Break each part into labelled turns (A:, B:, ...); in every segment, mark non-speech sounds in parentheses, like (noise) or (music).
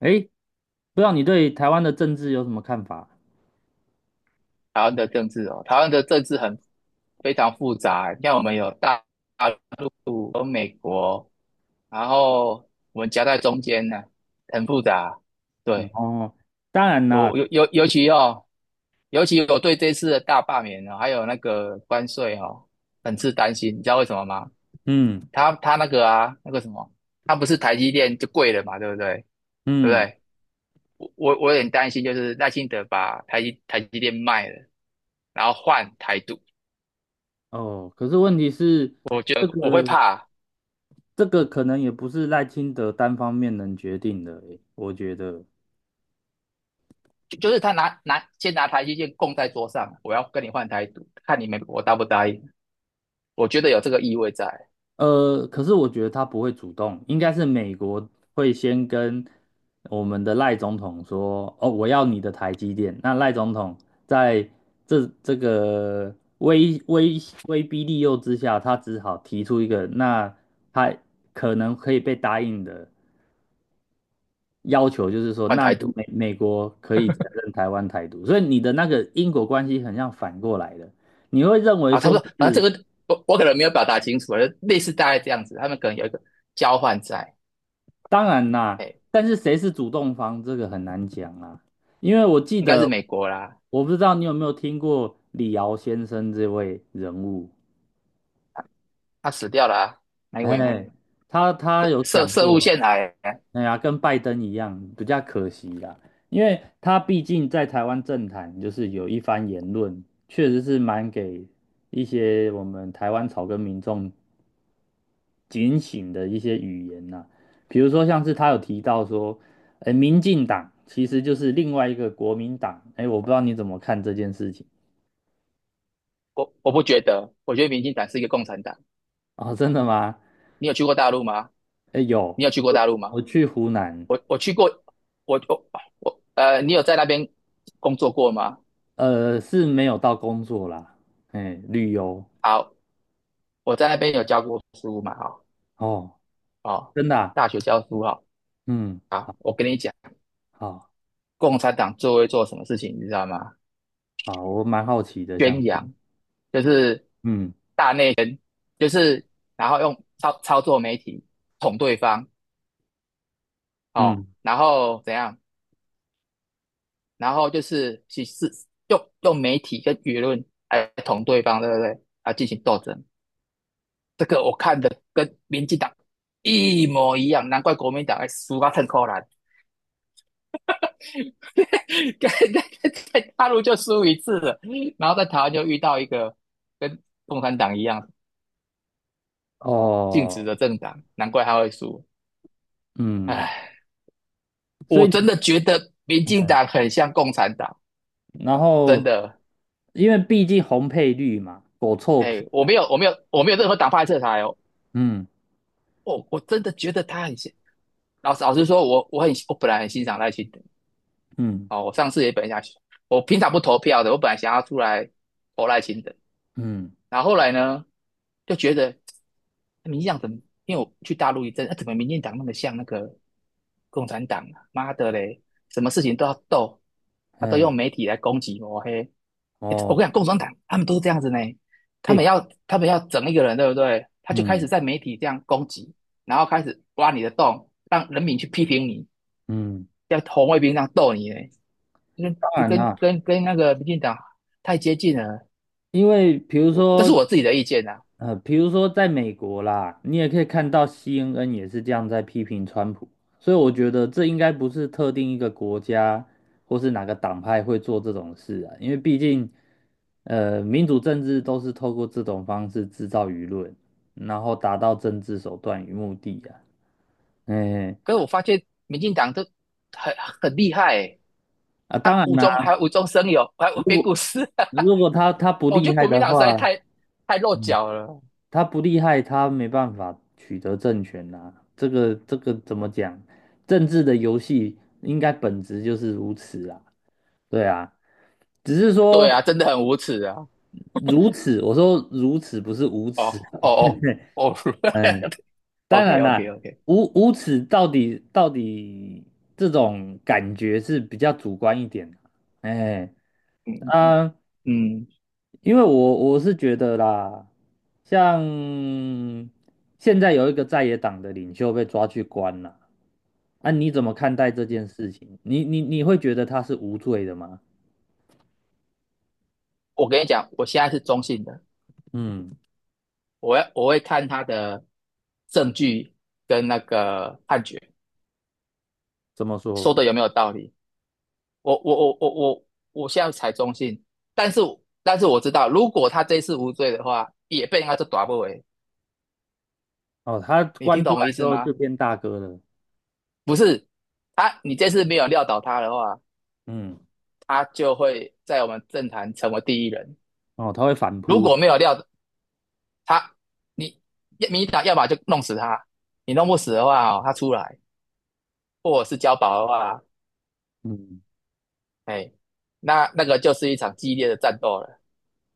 A: 诶，不知道你对台湾的政治有什么看法？
B: 台湾的政治哦，台湾的政治很非常复杂欸。你看，我们有大陆、有美国，然后我们夹在中间呢，很复杂。
A: 然
B: 对，
A: 后，当然啦，
B: 尤尤尤尤其哦，尤其我对这次的大罢免哦，还有那个关税哦，很是担心。你知道为什么吗？
A: 嗯
B: 他那个啊，那个什么，他不是台积电就贵了嘛，对不对？对不
A: 嗯，
B: 对？我有点担心，就是耐心的把台积电卖了，然后换台独。
A: 哦，可是问题是，
B: 我觉
A: 这
B: 得我会
A: 个
B: 怕，
A: 这个可能也不是赖清德单方面能决定的，诶，我觉得，
B: 就是他先拿台积电供在桌上，我要跟你换台独，看你美国答不答应。我觉得有这个意味在
A: 可是我觉得他不会主动，应该是美国会先跟我们的赖总统说，哦，我要你的台积电。那赖总统在这个威威威逼利诱之下，他只好提出一个，那他可能可以被答应的要求，就是说，
B: 换
A: 那
B: 台
A: 你
B: 独
A: 美国可以承认台湾台独。所以你的那个因果关系很像反过来的，你会认为
B: 啊，差
A: 说
B: 不多，反正
A: 是。
B: 这个我可能没有表达清楚啊，类似大概这样子，他们可能有一个交换在，
A: 当然
B: 哎，
A: 啦，
B: 欸
A: 但是谁是主动方，这个很难讲啊。因为我记
B: 应该是
A: 得，
B: 美国啦，
A: 我不知道你有没有听过李敖先生这位人物，
B: 他死掉啦、哪一位嘛？
A: 哎，他有
B: 涉
A: 讲
B: 涉务
A: 过，
B: 陷害，
A: 哎呀，跟拜登一样，比较可惜啦，因为他毕竟在台湾政坛就是有一番言论，确实是蛮给一些我们台湾草根民众警醒的一些语言呐、啊比如说像是他有提到说，民进党其实就是另外一个国民党，哎，我不知道你怎么看这件事情
B: 我不觉得，我觉得民进党是一个共产党。
A: 哦，真的吗？
B: 你有去过大陆吗？
A: 哎，有，
B: 你有去过大
A: 我
B: 陆吗？
A: 我去湖南，
B: 我去过，我我我呃，你有在那边工作过吗？
A: 是没有到工作啦，哎，旅游
B: 好，我在那边有教过书嘛，哈、
A: 哦，
B: 哦，哦，
A: 真的啊
B: 大学教书哈、
A: 嗯，
B: 哦，啊，
A: 好，
B: 我跟你讲，
A: 好，
B: 共产党最会做什么事情，你知道吗？
A: 好，我蛮好奇的，想
B: 宣
A: 是
B: 扬，就是
A: 嗯
B: 就是，然后用操作媒体捅对方，哦，
A: 嗯，
B: 然后怎样？然后就是用媒体跟舆论来捅对方，对不对？啊，进行斗争，这个我看的跟民进党一模一样，难怪国民党还输到很扣怜。(laughs) 在大陆就输一次了，然后在台湾就遇到一个跟共产党一样净值
A: 哦，
B: 的政党，难怪他会输。
A: 嗯，
B: 唉，
A: 所
B: 我
A: 以
B: 真
A: 你
B: 的觉得民进党很像共产党，
A: 然
B: 真
A: 后
B: 的。
A: 因为毕竟红配绿嘛，狗臭屁，
B: 哎，我没有，我没有，我没有任何党派色彩哦。
A: 嗯。
B: 我真的觉得他很像。老实老实说，我本来很欣赏赖清德
A: 嗯
B: 哦，我上次也本来想，我平常不投票的，我本来想要出来投赖清德，
A: 嗯
B: 然后后来呢，就觉得民进党怎么，因为我去大陆一阵，啊、怎么民进党那么像那个共产党啊？妈的嘞，什么事情都要斗，他都
A: 嗯
B: 用媒体来攻击抹黑。欸我跟
A: 哦，
B: 你讲，共产党他们都是这样子呢，他们
A: 诶，
B: 要他们要整一个人，对不对？他就开始
A: 嗯
B: 在媒体这样攻击，然后开始挖你的洞，让人民去批评你，
A: 嗯，
B: 像红卫兵这样斗你呢，跟
A: 当
B: 跟
A: 然
B: 跟
A: 啦，
B: 跟跟那个民进党太接近了。
A: 因为比如
B: 我这是
A: 说，
B: 我自己的意见呐、
A: 比如说在美国啦，你也可以看到 CNN 也是这样在批评川普，所以我觉得这应该不是特定一个国家或是哪个党派会做这种事啊，因为毕竟，民主政治都是透过这种方式制造舆论，然后达到政治手段与目的啊，哎。
B: 可是我发现民进党都很很厉害欸，
A: 啊，当
B: 他
A: 然啦，
B: 无中生有，(laughs) 还
A: 如
B: 编故
A: 果
B: 事。
A: 如果他
B: (laughs)
A: 不
B: 我觉
A: 厉
B: 得
A: 害
B: 国民
A: 的
B: 党实在
A: 话，
B: 太落
A: 嗯，
B: 脚了。
A: 他不厉害，他没办法取得政权呐、这个怎么讲？政治的游戏应该本质就是如此啊。对啊，只是说
B: 对啊，真的很无耻啊！
A: 如此，我说如此不是无耻
B: 哦
A: 啊。
B: 哦哦哦
A: (laughs) 嗯，
B: (laughs)
A: 当
B: ，OK
A: 然
B: OK
A: 啦，
B: OK，
A: 无耻到底这种感觉是比较主观一点的。哎，
B: (laughs) 嗯
A: 啊、
B: 嗯，
A: 因为我是觉得啦，像现在有一个在野党的领袖被抓去关了，啊，你怎么看待这件事情？你会觉得他是无罪的吗？
B: 我跟你讲，我现在是中性的，
A: 嗯，
B: 我会看他的证据跟那个判决
A: 怎么说？
B: 说的有没有道理。我我我我我我现在才中性，但是但是我知道，如果他这一次无罪的话，也被人家就打不回。
A: 哦，他
B: 你听
A: 关出
B: 懂我
A: 来
B: 意
A: 之
B: 思
A: 后
B: 吗？
A: 就变大哥了，
B: 不是，你这次没有撂倒他的话，
A: 嗯，
B: 他就会在我们政坛成为第一人。
A: 哦，他会反
B: 如
A: 扑了，
B: 果没有撂倒他，你民进党要么就弄死他，你弄不死的话哦，他出来，或者是交保的话，
A: 嗯，
B: 哎，那个就是一场激烈的战斗了。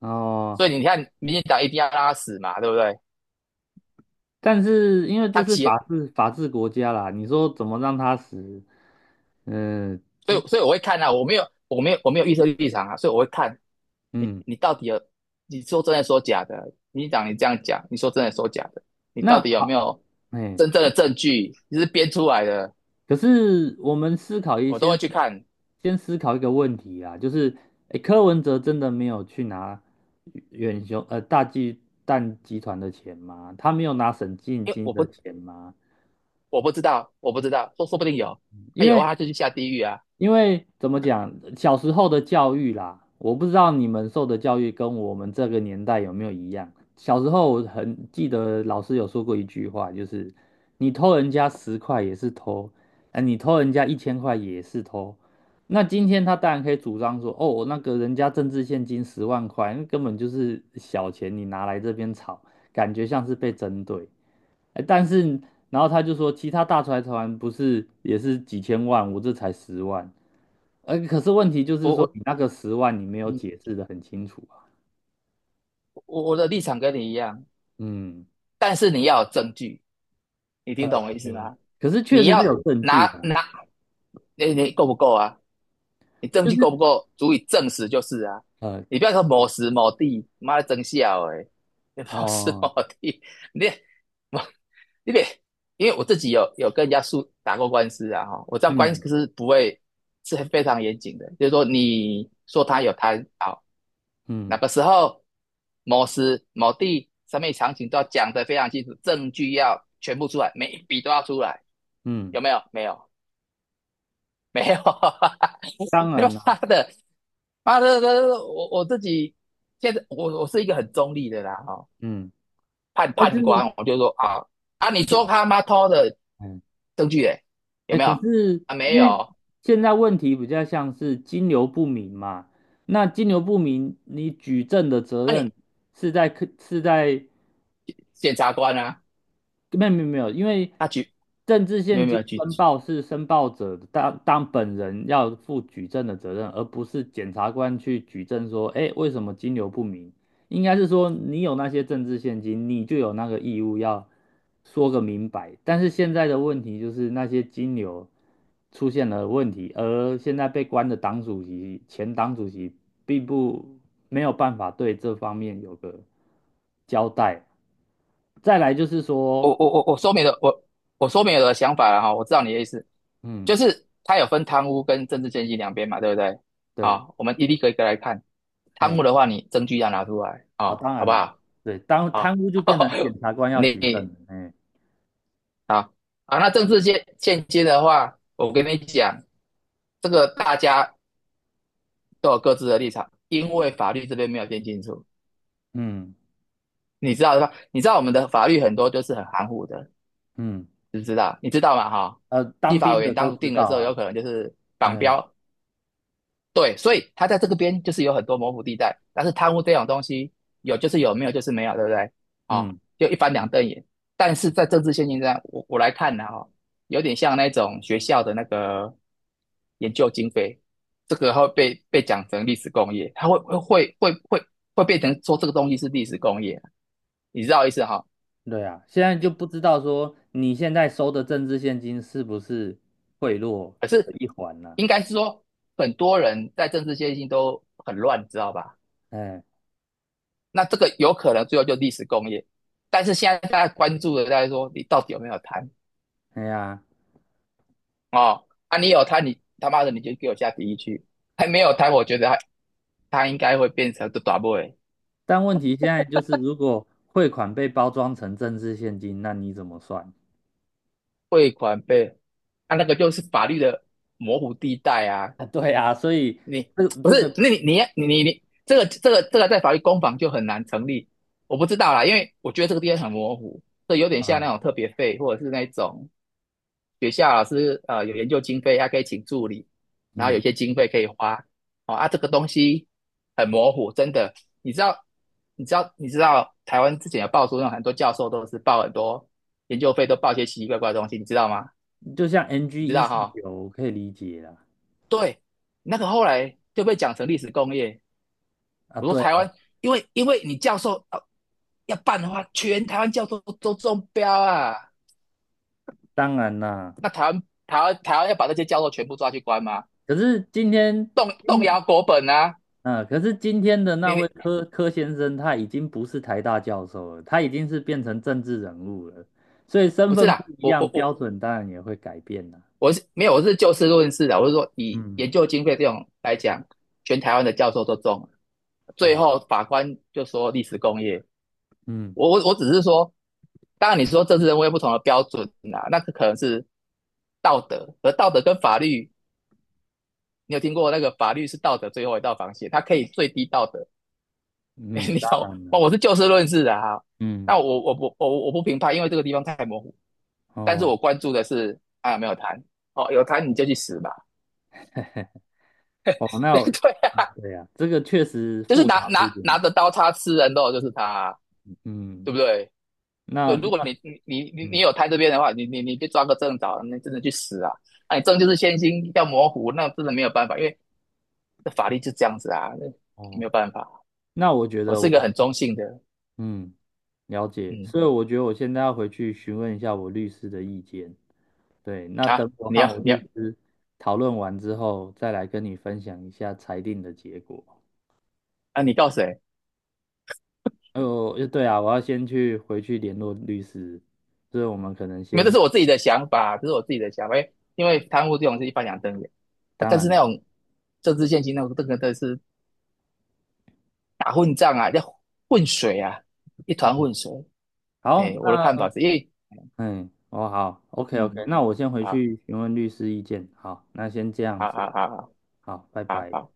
A: 哦，
B: 所以你看，民进党一定要让他死嘛，对不对？
A: 但是因为
B: 他
A: 这是法
B: 起
A: 治法治国家啦，你说怎么让他死？嗯
B: 所以我会看啊，我没有我没有我没有预设立场啊，所以我会看你
A: 嗯，
B: 你到底有你说真的说假的，你这样讲，你说真的说假的，你到
A: 那
B: 底有没
A: 好，
B: 有
A: 哎。
B: 真正的证据，你是编出来的，
A: 可是我们思考一
B: 我都
A: 先
B: 会去看，
A: 先思考一个问题啊，就是，诶，柯文哲真的没有去拿远雄大巨蛋集团的钱吗？他没有拿沈进
B: 因为
A: 金的钱吗？
B: 我不知道，我不知道，说不定有，
A: 因
B: 他有
A: 为
B: 啊，他就去下地狱啊，
A: 因为怎么讲，小时候的教育啦，我不知道你们受的教育跟我们这个年代有没有一样。小时候我很记得老师有说过一句话，就是你偷人家10块也是偷，啊，你偷人家1000块也是偷。那今天他当然可以主张说，哦，那个人家政治现金10万块，那根本就是小钱，你拿来这边炒，感觉像是被针对。哎，但是然后他就说，其他大财团不是也是几千万，我这才十万。可是问题就
B: 我
A: 是说，
B: 我
A: 你那个十万你没有
B: 嗯
A: 解释的很清楚啊。
B: 我我的立场跟你一样，
A: 嗯，
B: 但是你要有证据，你听懂我意思吗？
A: 可是确
B: 你
A: 实
B: 要
A: 是有证据
B: 拿
A: 的，
B: 拿，你够不够啊？你证
A: 就
B: 据
A: 是
B: 够不够足以证实就是啊。
A: 呃，
B: 你不要说某时某地，妈的真笑哎、你某时
A: 哦，
B: 某地，你我你别，因为我自己有跟人家打过官司啊哈，我知道官
A: 嗯
B: 司是不会是非常严谨的，就是说你说他有贪好，那
A: 嗯
B: 个时候某时某地上面场景都要讲得非常清楚，证据要全部出来，每一笔都要出来，
A: 嗯，
B: 有没有？没有。(laughs) 没有，(laughs)
A: 当
B: 没有
A: 然啦，
B: 妈的，妈的，我自己现在我是一个很中立的啦，哦，
A: 嗯，
B: 判
A: 但
B: 判
A: 是
B: 官，我就说啊啊，你说他妈偷的
A: 嗯，
B: 证据诶，有
A: 哎，
B: 没有？
A: 可是
B: 啊，没
A: 因为
B: 有，
A: 现在问题比较像是金流不明嘛，那金流不明，你举证的责
B: 啊
A: 任
B: 你
A: 是在客是在
B: 检察官啊，
A: 没有没有没有，因为
B: 他举
A: 政治
B: 没
A: 现
B: 有没
A: 金
B: 有举，
A: 申报是申报者当本人要负举证的责任，而不是检察官去举证说，哎，为什么金流不明？应该是说你有那些政治现金，你就有那个义务要说个明白。但是现在的问题就是那些金流出现了问题，而现在被关的党主席、前党主席并不没有办法对这方面有个交代。再来就是
B: 我
A: 说。
B: 我我我说明了说明了我的想法了哈，我知道你的意思，
A: 嗯，
B: 就是他有分贪污跟政治献金两边嘛，对不对？
A: 对，
B: 啊，我们一个一个来看，贪污
A: 哎，
B: 的话，你证据要拿出来
A: 啊，
B: 啊，
A: 当
B: 好不
A: 然了，
B: 好？
A: 对，当贪
B: 好，
A: 污就变
B: (laughs)
A: 成检察官要举证
B: 你
A: 了，哎，
B: 好啊。那政治现今的话，我跟你讲，这个大家都有各自的立场，因为法律这边没有定清楚。
A: 嗯
B: 你知道的吧？你知道我们的法律很多就是很含糊的，
A: 嗯，
B: 知不知道？你知道吗？哈，立
A: 当
B: 法
A: 兵
B: 委员
A: 的都
B: 当初
A: 知
B: 定的
A: 道
B: 时
A: 啊，
B: 候，有可能就是绑
A: 哎，
B: 标对，所以他在这个边就是有很多模糊地带，但是贪污这种东西有就是有，没有就是没有，对不对？
A: 嗯，
B: 好、就一翻两瞪眼。但是在政治现金上，我来看呢、哈、有点像那种学校的那个研究经费，这个会被讲成历史工业，它会会会会变成说这个东西是历史工业，你知道意思哈、哦
A: 对啊，现在就不知道说你现在收的政治现金是不是贿赂
B: 可
A: 的
B: 是
A: 一环呢、
B: 应该是说很多人在政治现金都很乱，知道吧？
A: 哎，
B: 那这个有可能最后就历史工业，但是现在大家关注的大家说你到底有没有贪
A: 哎呀，
B: 哦？啊，你有贪，你他妈的你就给我下第一区，还没有贪，我觉得他应该会变成的打 boy
A: 但问题现在就是，如果汇款被包装成政治现金，那你怎么算？
B: 汇款被，啊那个就是法律的模糊地带啊，
A: (laughs) 啊，对啊，所以
B: 你
A: 这
B: 不
A: 这
B: 是
A: 个，
B: 那你这个在法律攻防就很难成立，我不知道啦，因为我觉得这个地方很模糊，这有点像
A: 啊，
B: 那种特别费或者是那种学校老师有研究经费，他可以请助理，然后有
A: 嗯，
B: 些经费可以花。哦啊，这个东西很模糊，真的。你知道，你知道，你知道，台湾之前有爆出那种很多教授都是报很多研究费，都报一些奇奇怪怪的东西，你知道吗？
A: 就像 NG
B: 你知
A: 一
B: 道
A: 四
B: 哈？
A: 九，我可以理解啦。
B: 对，那个后来就被讲成历史工业。
A: 啊，
B: 我说
A: 对
B: 台
A: 啊
B: 湾，因为你教授要办的话，全台湾教授都中标啊。
A: 当然啦，
B: 那台湾要把这些教授全部抓去关吗？
A: 可是今天，
B: 动动
A: 嗯，
B: 摇国本啊！
A: 啊可是今天的那
B: 你
A: 位
B: 你
A: 柯先生，他已经不是台大教授了，他已经是变成政治人物了，所以身
B: 不是
A: 份不
B: 啦，
A: 一
B: 我
A: 样，
B: 我我
A: 标准当然也会改变啦。
B: 我是没有，我是就事论事的，我是说以
A: 嗯，
B: 研究经费这种来讲，全台湾的教授都中了最
A: 哦，
B: 后法官就说历史工业，
A: 嗯
B: 我只是说，当然你说政治人物有不同的标准啦，啊那可能是道德，而道德跟法律，你有听过那个法律是道德最后一道防线，它可以最低道德，(laughs)
A: 嗯，
B: 你
A: 当
B: 懂？
A: 然了，
B: 我是就事论事的哈，
A: 嗯，
B: 那我不评判，因为这个地方太模糊，但是
A: 哦
B: 我关注的是啊有没有谈哦，有谈你就去死吧。
A: 哦，
B: (laughs)
A: 那
B: 对
A: 我
B: 对啊，
A: 对呀、这个确实
B: 就是
A: 复杂
B: 拿
A: 了
B: 拿
A: 一点。
B: 拿着刀叉吃人肉就是他啊
A: 嗯，
B: 对不对？对，
A: 那
B: 如果你
A: 那
B: 你你你你
A: 嗯，
B: 有摊这边的话，你被抓个正着，那真的去死啊！那你证就是先行要模糊，那真的没有办法，因为这法律就这样子啊，那没
A: 哦，
B: 有办法。
A: 那我觉
B: 我
A: 得
B: 是一
A: 我，
B: 个很中性的，
A: 嗯。了解，
B: 嗯
A: 所以我觉得我现在要回去询问一下我律师的意见。对，那等
B: 啊，
A: 我
B: 你
A: 和
B: 要
A: 我
B: 你要
A: 律师讨论完之后，再来跟你分享一下裁定的结果。
B: 啊，你告谁？
A: 哦，对啊，我要先去回去联络律师，所以我们可能
B: 因为这
A: 先，
B: 是我自己的想法，这是我自己的想法，因为贪污这种是一翻两瞪眼啊，
A: 当
B: 但是
A: 然
B: 那
A: 啦，
B: 种政治现金那种这个真的是打混战啊，要混水啊，一团混水。
A: 好，
B: 哎，我的看
A: 那
B: 法是因为，
A: 嗯，哦好，OK OK，
B: 嗯，
A: 那我先回
B: 好，
A: 去询问律师意见。好，那先这样
B: 好，好，
A: 子，
B: 好，好，
A: 好，拜
B: 好，
A: 拜。
B: 好，